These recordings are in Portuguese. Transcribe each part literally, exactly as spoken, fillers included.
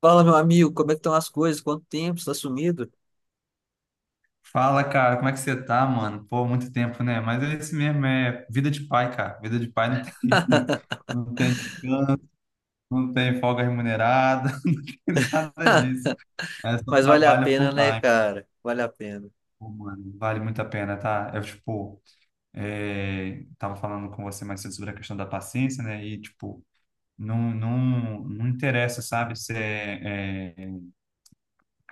Fala, meu amigo, como é que estão as coisas? Quanto tempo? Você tá sumido? Fala, cara, como é que você tá, mano? Pô, muito tempo, né? Mas é isso mesmo, é vida de pai, cara. Vida de pai não tem, não tem descanso, não tem folga remunerada, não tem nada disso. É só Mas vale a trabalho pena, full né, time. cara? Vale a pena. Pô, mano, vale muito a pena, tá? Eu, tipo, é, tava falando com você mais cedo sobre a questão da paciência, né? E, tipo, não, não, não interessa, sabe? Se é, é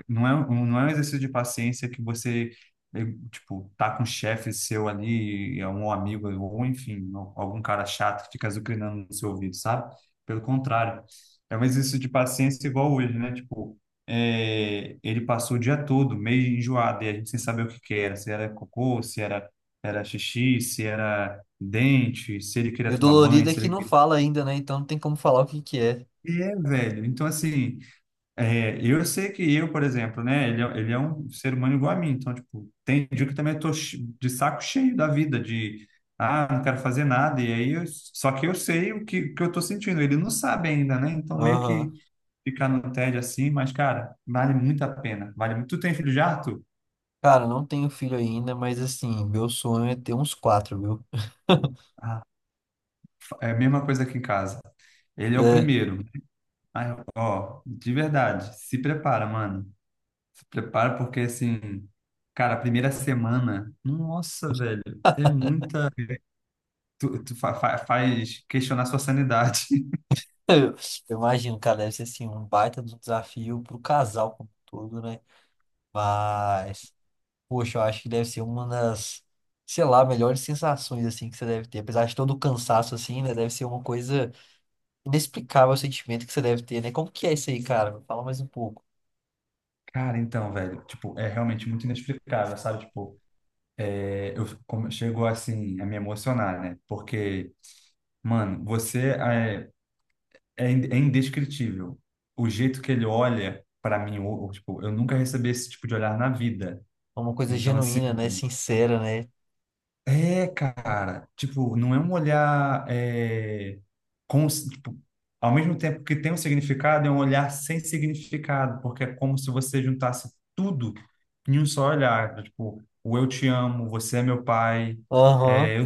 Não é, um- não é um exercício de paciência que você, eh, tipo, tá com um chefe seu ali, é um amigo, ou enfim, al- algum cara chato que fica azucrinando no seu ouvido, sabe? Pelo contrário, é um exercício de paciência igual hoje, né? Tipo, eh, ele passou o dia todo meio enjoado e a gente sem saber o que que era, se era cocô, se era, era xixi, se era dente, se ele queria E o tomar banho, dolorido é se que ele não queria... fala ainda, né? Então não tem como falar o que que é. É, velho, então assim... É, eu sei que eu, por exemplo, né, ele é, ele é um ser humano igual a mim, então, tipo, tem dia que eu também tô che- de saco cheio da vida, de, ah, não quero fazer nada, e aí, eu- só que eu sei o que, que eu tô sentindo, ele não sabe ainda, né, então meio que Aham. ficar no tédio assim, mas, cara, vale muito a pena, vale muito. Tu tem filho já, Arthur? Cara, não tenho filho ainda, mas assim, meu sonho é ter uns quatro, viu? Ah, é a mesma coisa aqui em casa, ele é o É. primeiro. Ah, ó, de verdade, se prepara, mano. Se prepara porque assim, cara, a primeira semana, nossa, velho, é muita. Tu, tu fa- fa- faz questionar sua sanidade. Eu eu imagino, cara, deve ser assim, um baita do desafio pro casal como um todo, né? Mas, poxa, eu acho que deve ser uma das, sei lá, melhores sensações, assim, que você deve ter. Apesar de todo o cansaço, assim, né? Deve ser uma coisa inexplicável, o sentimento que você deve ter, né? Como que é isso aí, cara? Me fala mais um pouco. Cara, então, velho, tipo, é realmente muito inexplicável, sabe? Tipo, é, eu como, chego assim a me emocionar, né? Porque, mano, você é, é, in- é indescritível. O jeito que ele olha pra mim, ou, ou, tipo, eu nunca recebi esse tipo de olhar na vida. É uma coisa Então, assim. genuína, né? Sincera, né? É, cara, tipo, não é um olhar, é, cons- tipo, ao mesmo tempo que tem um significado, é um olhar sem significado, porque é como se você juntasse tudo em um só olhar, tipo, o eu te amo, você é meu pai, Aham,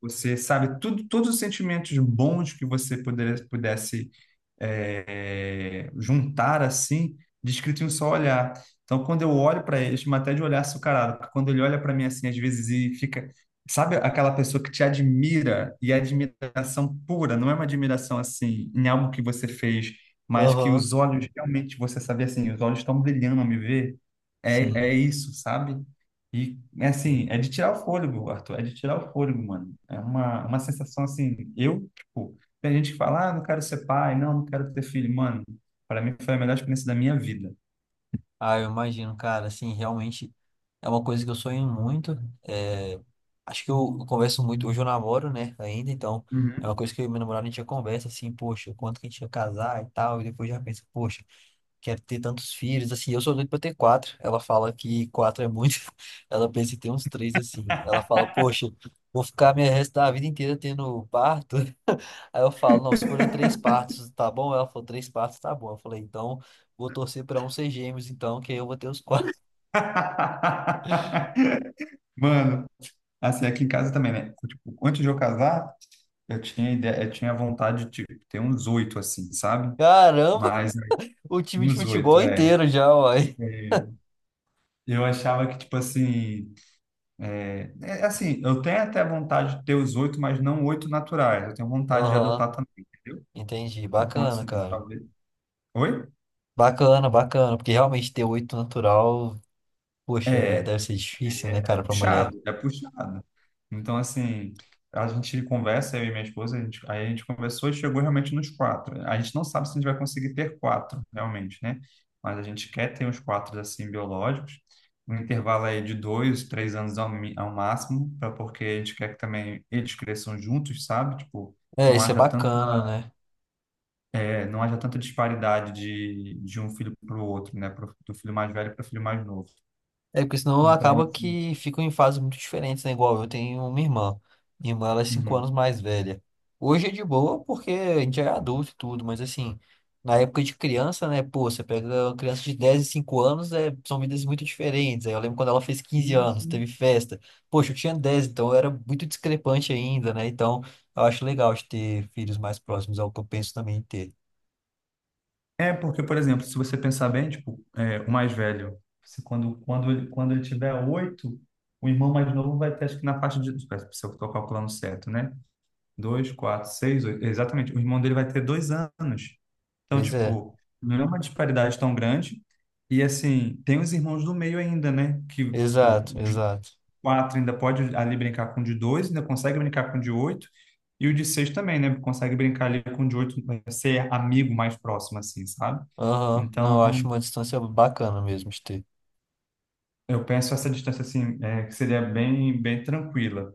você sabe tudo, todos os sentimentos bons que você poder- pudesse, é, juntar assim, descrito em um só olhar. Então, quando eu olho para ele, eu chamo até de olhar açucarado, porque quando ele olha para mim assim, às vezes e fica, sabe aquela pessoa que te admira e é admiração pura, não é uma admiração assim em algo que você fez, mas que aham, os olhos realmente você sabe assim, os olhos estão brilhando ao me ver. É, sim. é isso, sabe? E, assim, é de tirar o fôlego, Arthur, é de tirar o fôlego, mano. É uma, uma sensação, assim, eu, tipo, tem gente que fala, ah, não quero ser pai, não, não quero ter filho. Mano, para mim foi a melhor experiência da minha vida. Ah, eu imagino, cara, assim, realmente é uma coisa que eu sonho muito. É, acho que eu, eu converso muito, hoje eu namoro, né, ainda, então é Uhum. uma coisa que eu e meu namorado a gente já conversa, assim, poxa, quanto que a gente ia casar e tal, e depois já pensa, poxa, quer ter tantos filhos, assim, eu sou doido pra ter quatro. Ela fala que quatro é muito, ela pensa em ter uns três, assim. Ela fala, poxa, vou ficar minha resto da vida inteira tendo parto. Aí eu falo, não, se forem três partos, tá bom? Ela falou, três partos, tá bom. Eu falei, então, vou torcer pra um ser gêmeos, então, que aí eu vou ter os quatro. Mano, assim, aqui em casa também, né? Tipo, antes de eu casar, eu tinha ideia, eu tinha vontade de, tipo, ter uns oito, assim, sabe? Caramba, Mas, o time de uns oito, futebol é. inteiro já, uai. É, eu achava que, tipo assim, é, é assim, eu tenho até vontade de ter os oito, mas não oito naturais. Eu tenho vontade de Aham, adotar também, entendeu? entendi. Então, Bacana, assim, cara. talvez. Oi? Bacana, bacana, porque realmente ter oito natural, poxa, é, É, é deve ser difícil, né, cara, pra mulher. puxado, é puxado. Então, assim, a gente conversa, eu e minha esposa, a gente, aí a gente conversou e chegou realmente nos quatro. A gente não sabe se a gente vai conseguir ter quatro, realmente, né? Mas a gente quer ter uns quatro, assim, biológicos. Um intervalo aí de dois, três anos ao, mi- ao máximo, para porque a gente quer que também eles cresçam juntos, sabe? Tipo, É, não isso é haja tanto, bacana, né? é, não haja tanta disparidade de, de um filho para o outro, né? Pro, do filho mais velho para o filho mais novo. É porque senão Então, acaba assim. que ficam em fases muito diferentes, né? Igual eu tenho uma irmã. Minha irmã, ela é cinco Uhum. anos mais velha. Hoje é de boa porque a gente é adulto e tudo, mas assim, na época de criança, né? Pô, você pega uma criança de dez e cinco anos, é, são vidas muito diferentes. Aí eu lembro quando ela fez quinze Sim, anos, sim. teve festa. Poxa, eu tinha dez, então eu era muito discrepante ainda, né? Então, eu acho legal de ter filhos mais próximos, é o que eu penso também em ter. É, porque, por exemplo, se você pensar bem, tipo, é, o mais velho, se quando, quando, ele- quando ele tiver oito, o irmão mais novo vai ter, acho que na faixa de, espera, se eu estou calculando certo, né? Dois, quatro, seis, oito. Exatamente. O irmão dele vai ter dois anos. Então, Pois é, tipo, não é uma disparidade tão grande. E, assim, tem os irmãos do meio ainda, né? Que, exato, tipo, exato. quatro ainda pode ali brincar com o de dois, ainda consegue brincar com o de oito, e o de seis também, né? Consegue brincar ali com o de oito, eh, ser amigo mais próximo, assim, sabe? Aham. Não, Então, eu acho uma distância bacana mesmo de ter. eu penso essa distância, assim, eh, que seria bem, bem tranquila.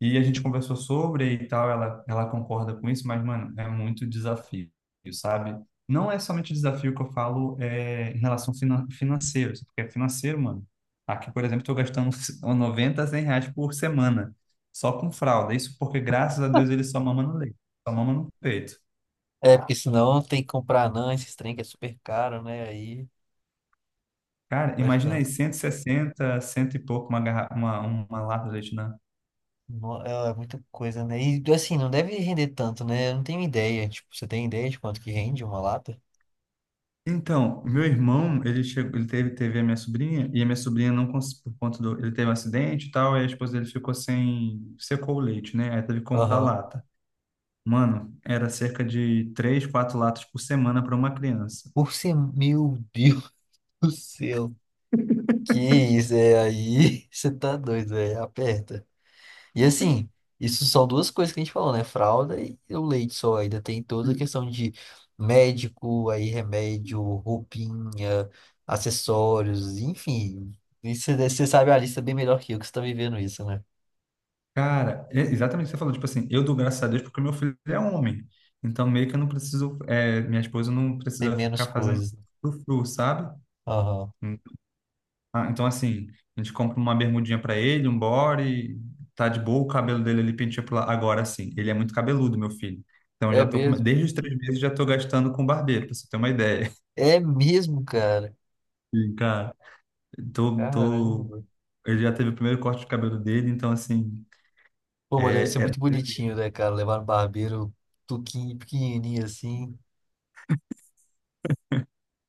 E a gente conversou sobre e tal, ela, ela concorda com isso, mas, mano, é muito desafio, sabe? Não é somente desafio que eu falo, é, em relação finan financeiro, porque financeiro, mano, aqui, por exemplo, estou gastando noventa, cem reais por semana, só com fralda. Isso porque, graças a Deus, ele só mama no leite, só mama no peito. É, porque senão tem que comprar anã, esses trem que é super caro, né? Aí Cara, vai imagina aí, ficando. cento e sessenta, cento e pouco, uma, garra- uma, uma lata de leite na... no- É é muita coisa, né? E assim, não deve render tanto, né? Eu não tenho ideia. Tipo, você tem ideia de quanto que rende uma lata? Então, meu irmão, ele chegou, ele teve, teve a minha sobrinha, e a minha sobrinha não conseguiu, por conta do, ele teve um acidente e tal, e a esposa dele ficou sem, secou o leite, né? Aí teve que comprar Aham. lata. Mano, era cerca de três, quatro latas por semana para uma criança. Por ser. Meu Deus do céu. Que isso, é aí? Você tá doido, é. Aperta. E assim, isso são duas coisas que a gente falou, né? Fralda e o leite só. Ainda tem toda a questão de médico, aí remédio, roupinha, acessórios, enfim. Isso você sabe a lista bem melhor que eu, que você tá vivendo isso, né? Cara, é exatamente o que você falou, tipo assim, eu dou graças a Deus porque meu filho é homem. Então, meio que eu não preciso, é, minha esposa não Tem precisa menos ficar fazendo coisas. frufru, sabe? Aham. Ah, então, assim, a gente compra uma bermudinha pra ele, um body, tá de boa, o cabelo dele ali penteia pro lado. Agora, assim, ele é muito cabeludo, meu filho. Então, eu É já tô com... mesmo? desde os três meses já tô gastando com barbeiro, pra você ter uma ideia. É mesmo, cara. E, cara, tô, tô... Caramba. ele já teve o primeiro corte de cabelo dele, então, assim, Pô, mas deve ser é, é, muito bonitinho, né, cara? Levar no barbeiro tuquinho, pequenininho assim.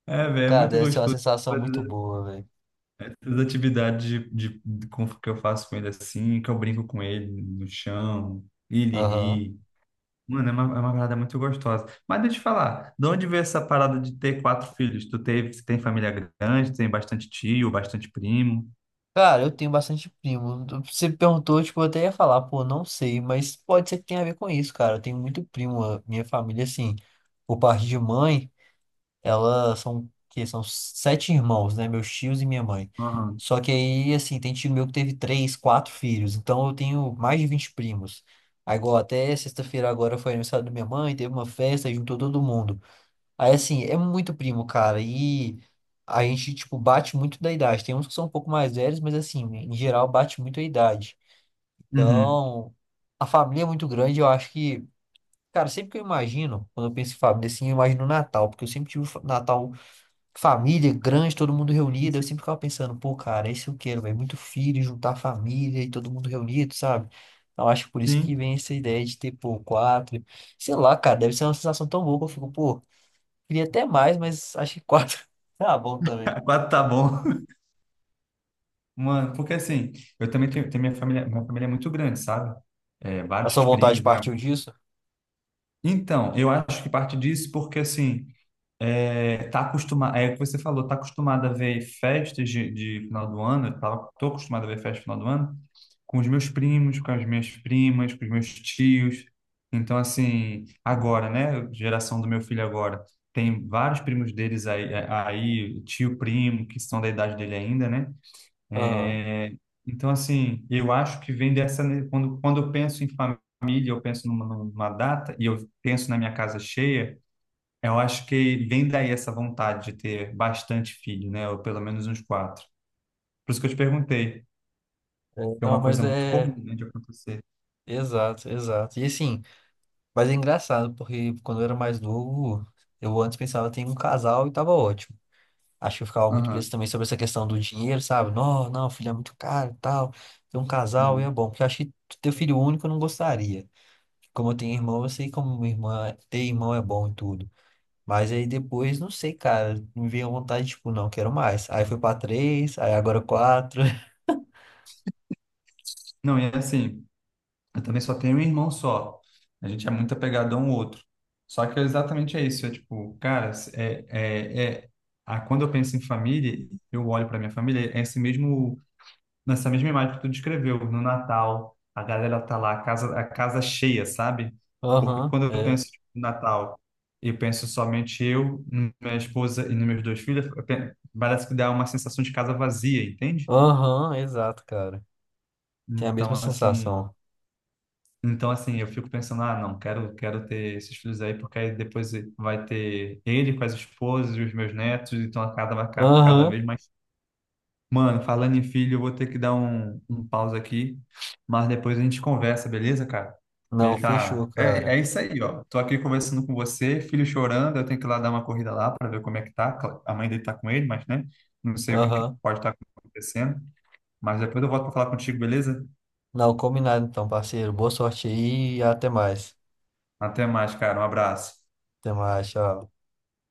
é, velho, é Cara, muito deve ser uma gostoso. sensação muito boa, velho. As atividades de, de, de- com- que eu faço com ele assim, que eu brinco com ele no chão, ele Aham. ri. Mano, é uma, é uma parada muito gostosa. Mas deixa eu te falar, de onde veio essa parada de ter quatro filhos? Tu teve, você tem família grande, tem bastante tio, bastante primo? Cara, eu tenho bastante primo. Você perguntou, tipo, eu até ia falar, pô, não sei, mas pode ser que tenha a ver com isso, cara. Eu tenho muito primo. A minha família, assim, por parte de mãe, elas são, que são sete irmãos, né? Meus tios e minha mãe. Aham. Só que aí, assim, tem tio meu que teve três, quatro filhos. Então eu tenho mais de vinte primos. Aí, igual até sexta-feira agora foi aniversário da minha mãe, teve uma festa e juntou todo mundo. Aí, assim, é muito primo, cara. E a gente, tipo, bate muito da idade. Tem uns que são um pouco mais velhos, mas, assim, em geral, bate muito a idade. Uhum. Então, a família é muito grande. Eu acho que, cara, sempre que eu imagino, quando eu penso em família, assim, eu imagino Natal, porque eu sempre tive fa- Natal, família grande, todo mundo Sim, reunido. Eu sim. sempre ficava pensando, pô, cara, isso eu quero, velho. Muito filho, juntar família e todo mundo reunido, sabe? Eu acho que por isso que Sim. vem essa ideia de ter, pô, quatro. Sei lá, cara, deve ser uma sensação tão boa que eu fico, pô. Queria até mais, mas acho que quatro tá bom também. Quatro tá bom. Mano, porque assim, eu também tenho, tenho minha família, minha família é muito grande, sabe? É, A vários sua vontade primos. partiu disso? Então, eu acho que parte disso porque, assim, é, tá acostumado, é o que você falou, tá acostumado a ver festas de, de final do ano, eu tava, tô acostumado a ver festa de final do ano com os meus primos, com as minhas primas, com os meus tios. Então, assim, agora, né, geração do meu filho agora, tem vários primos deles aí, é, aí, tio, primo, que são da idade dele ainda, né? Aham. É, então, assim, eu acho que vem dessa, né? Quando, quando eu penso em família, eu penso numa, numa data e eu penso na minha casa cheia, eu acho que vem daí essa vontade de ter bastante filho, né? Ou pelo menos uns quatro. Por isso que eu te perguntei, que É, é não, uma mas coisa muito é. comum, né, de acontecer. Exato, exato. E assim, mas é engraçado, porque quando eu era mais novo, eu antes pensava, tem um casal e tava ótimo. Acho que eu ficava muito preso Aham. também sobre essa questão do dinheiro, sabe? Não, não, filho é muito caro e tal. Ter um casal e é Hum. bom, porque eu acho que ter filho único eu não gostaria. Como eu tenho irmão, eu sei como minha irmã, ter irmão é bom e tudo. Mas aí depois, não sei, cara, me veio a vontade, tipo, não, quero mais. Aí foi pra três, aí agora quatro. Não, e assim. Eu também só tenho um irmão só. A gente é muito apegado a um outro. Só que é exatamente é isso. É tipo, cara, é, é, é, a, quando eu penso em família, eu olho para minha família, é esse mesmo, nessa mesma imagem que tu descreveu, no Natal, a galera tá lá, a casa, a casa cheia, sabe? Porque Aham, quando eu é. penso tipo, no Natal e penso somente eu, n- minha esposa e nos meus dois filhos, eu pe- parece que dá uma sensação de casa vazia, entende? Aham, exato, cara. Tem a mesma Então, assim, sensação. Então, assim, eu fico pensando, ah, não, quero, quero ter esses filhos aí, porque aí depois vai ter ele com as esposas e os meus netos, então a casa vai ficar cada Aham, vez mais. Mano, falando em filho, eu vou ter que dar um, um pause aqui, mas depois a gente conversa, beleza, cara? não, Ele tá. fechou, É, cara. é isso aí, ó. Tô aqui conversando com você, filho chorando, eu tenho que ir lá dar uma corrida lá para ver como é que tá. Cla- A mãe dele tá com ele, mas, né? Não sei o que que Aham, pode estar acontecendo. Mas depois eu volto para falar contigo, beleza? não, combinado então, parceiro. Boa sorte aí e até mais. Até mais, cara. Um abraço. Até mais, tchau.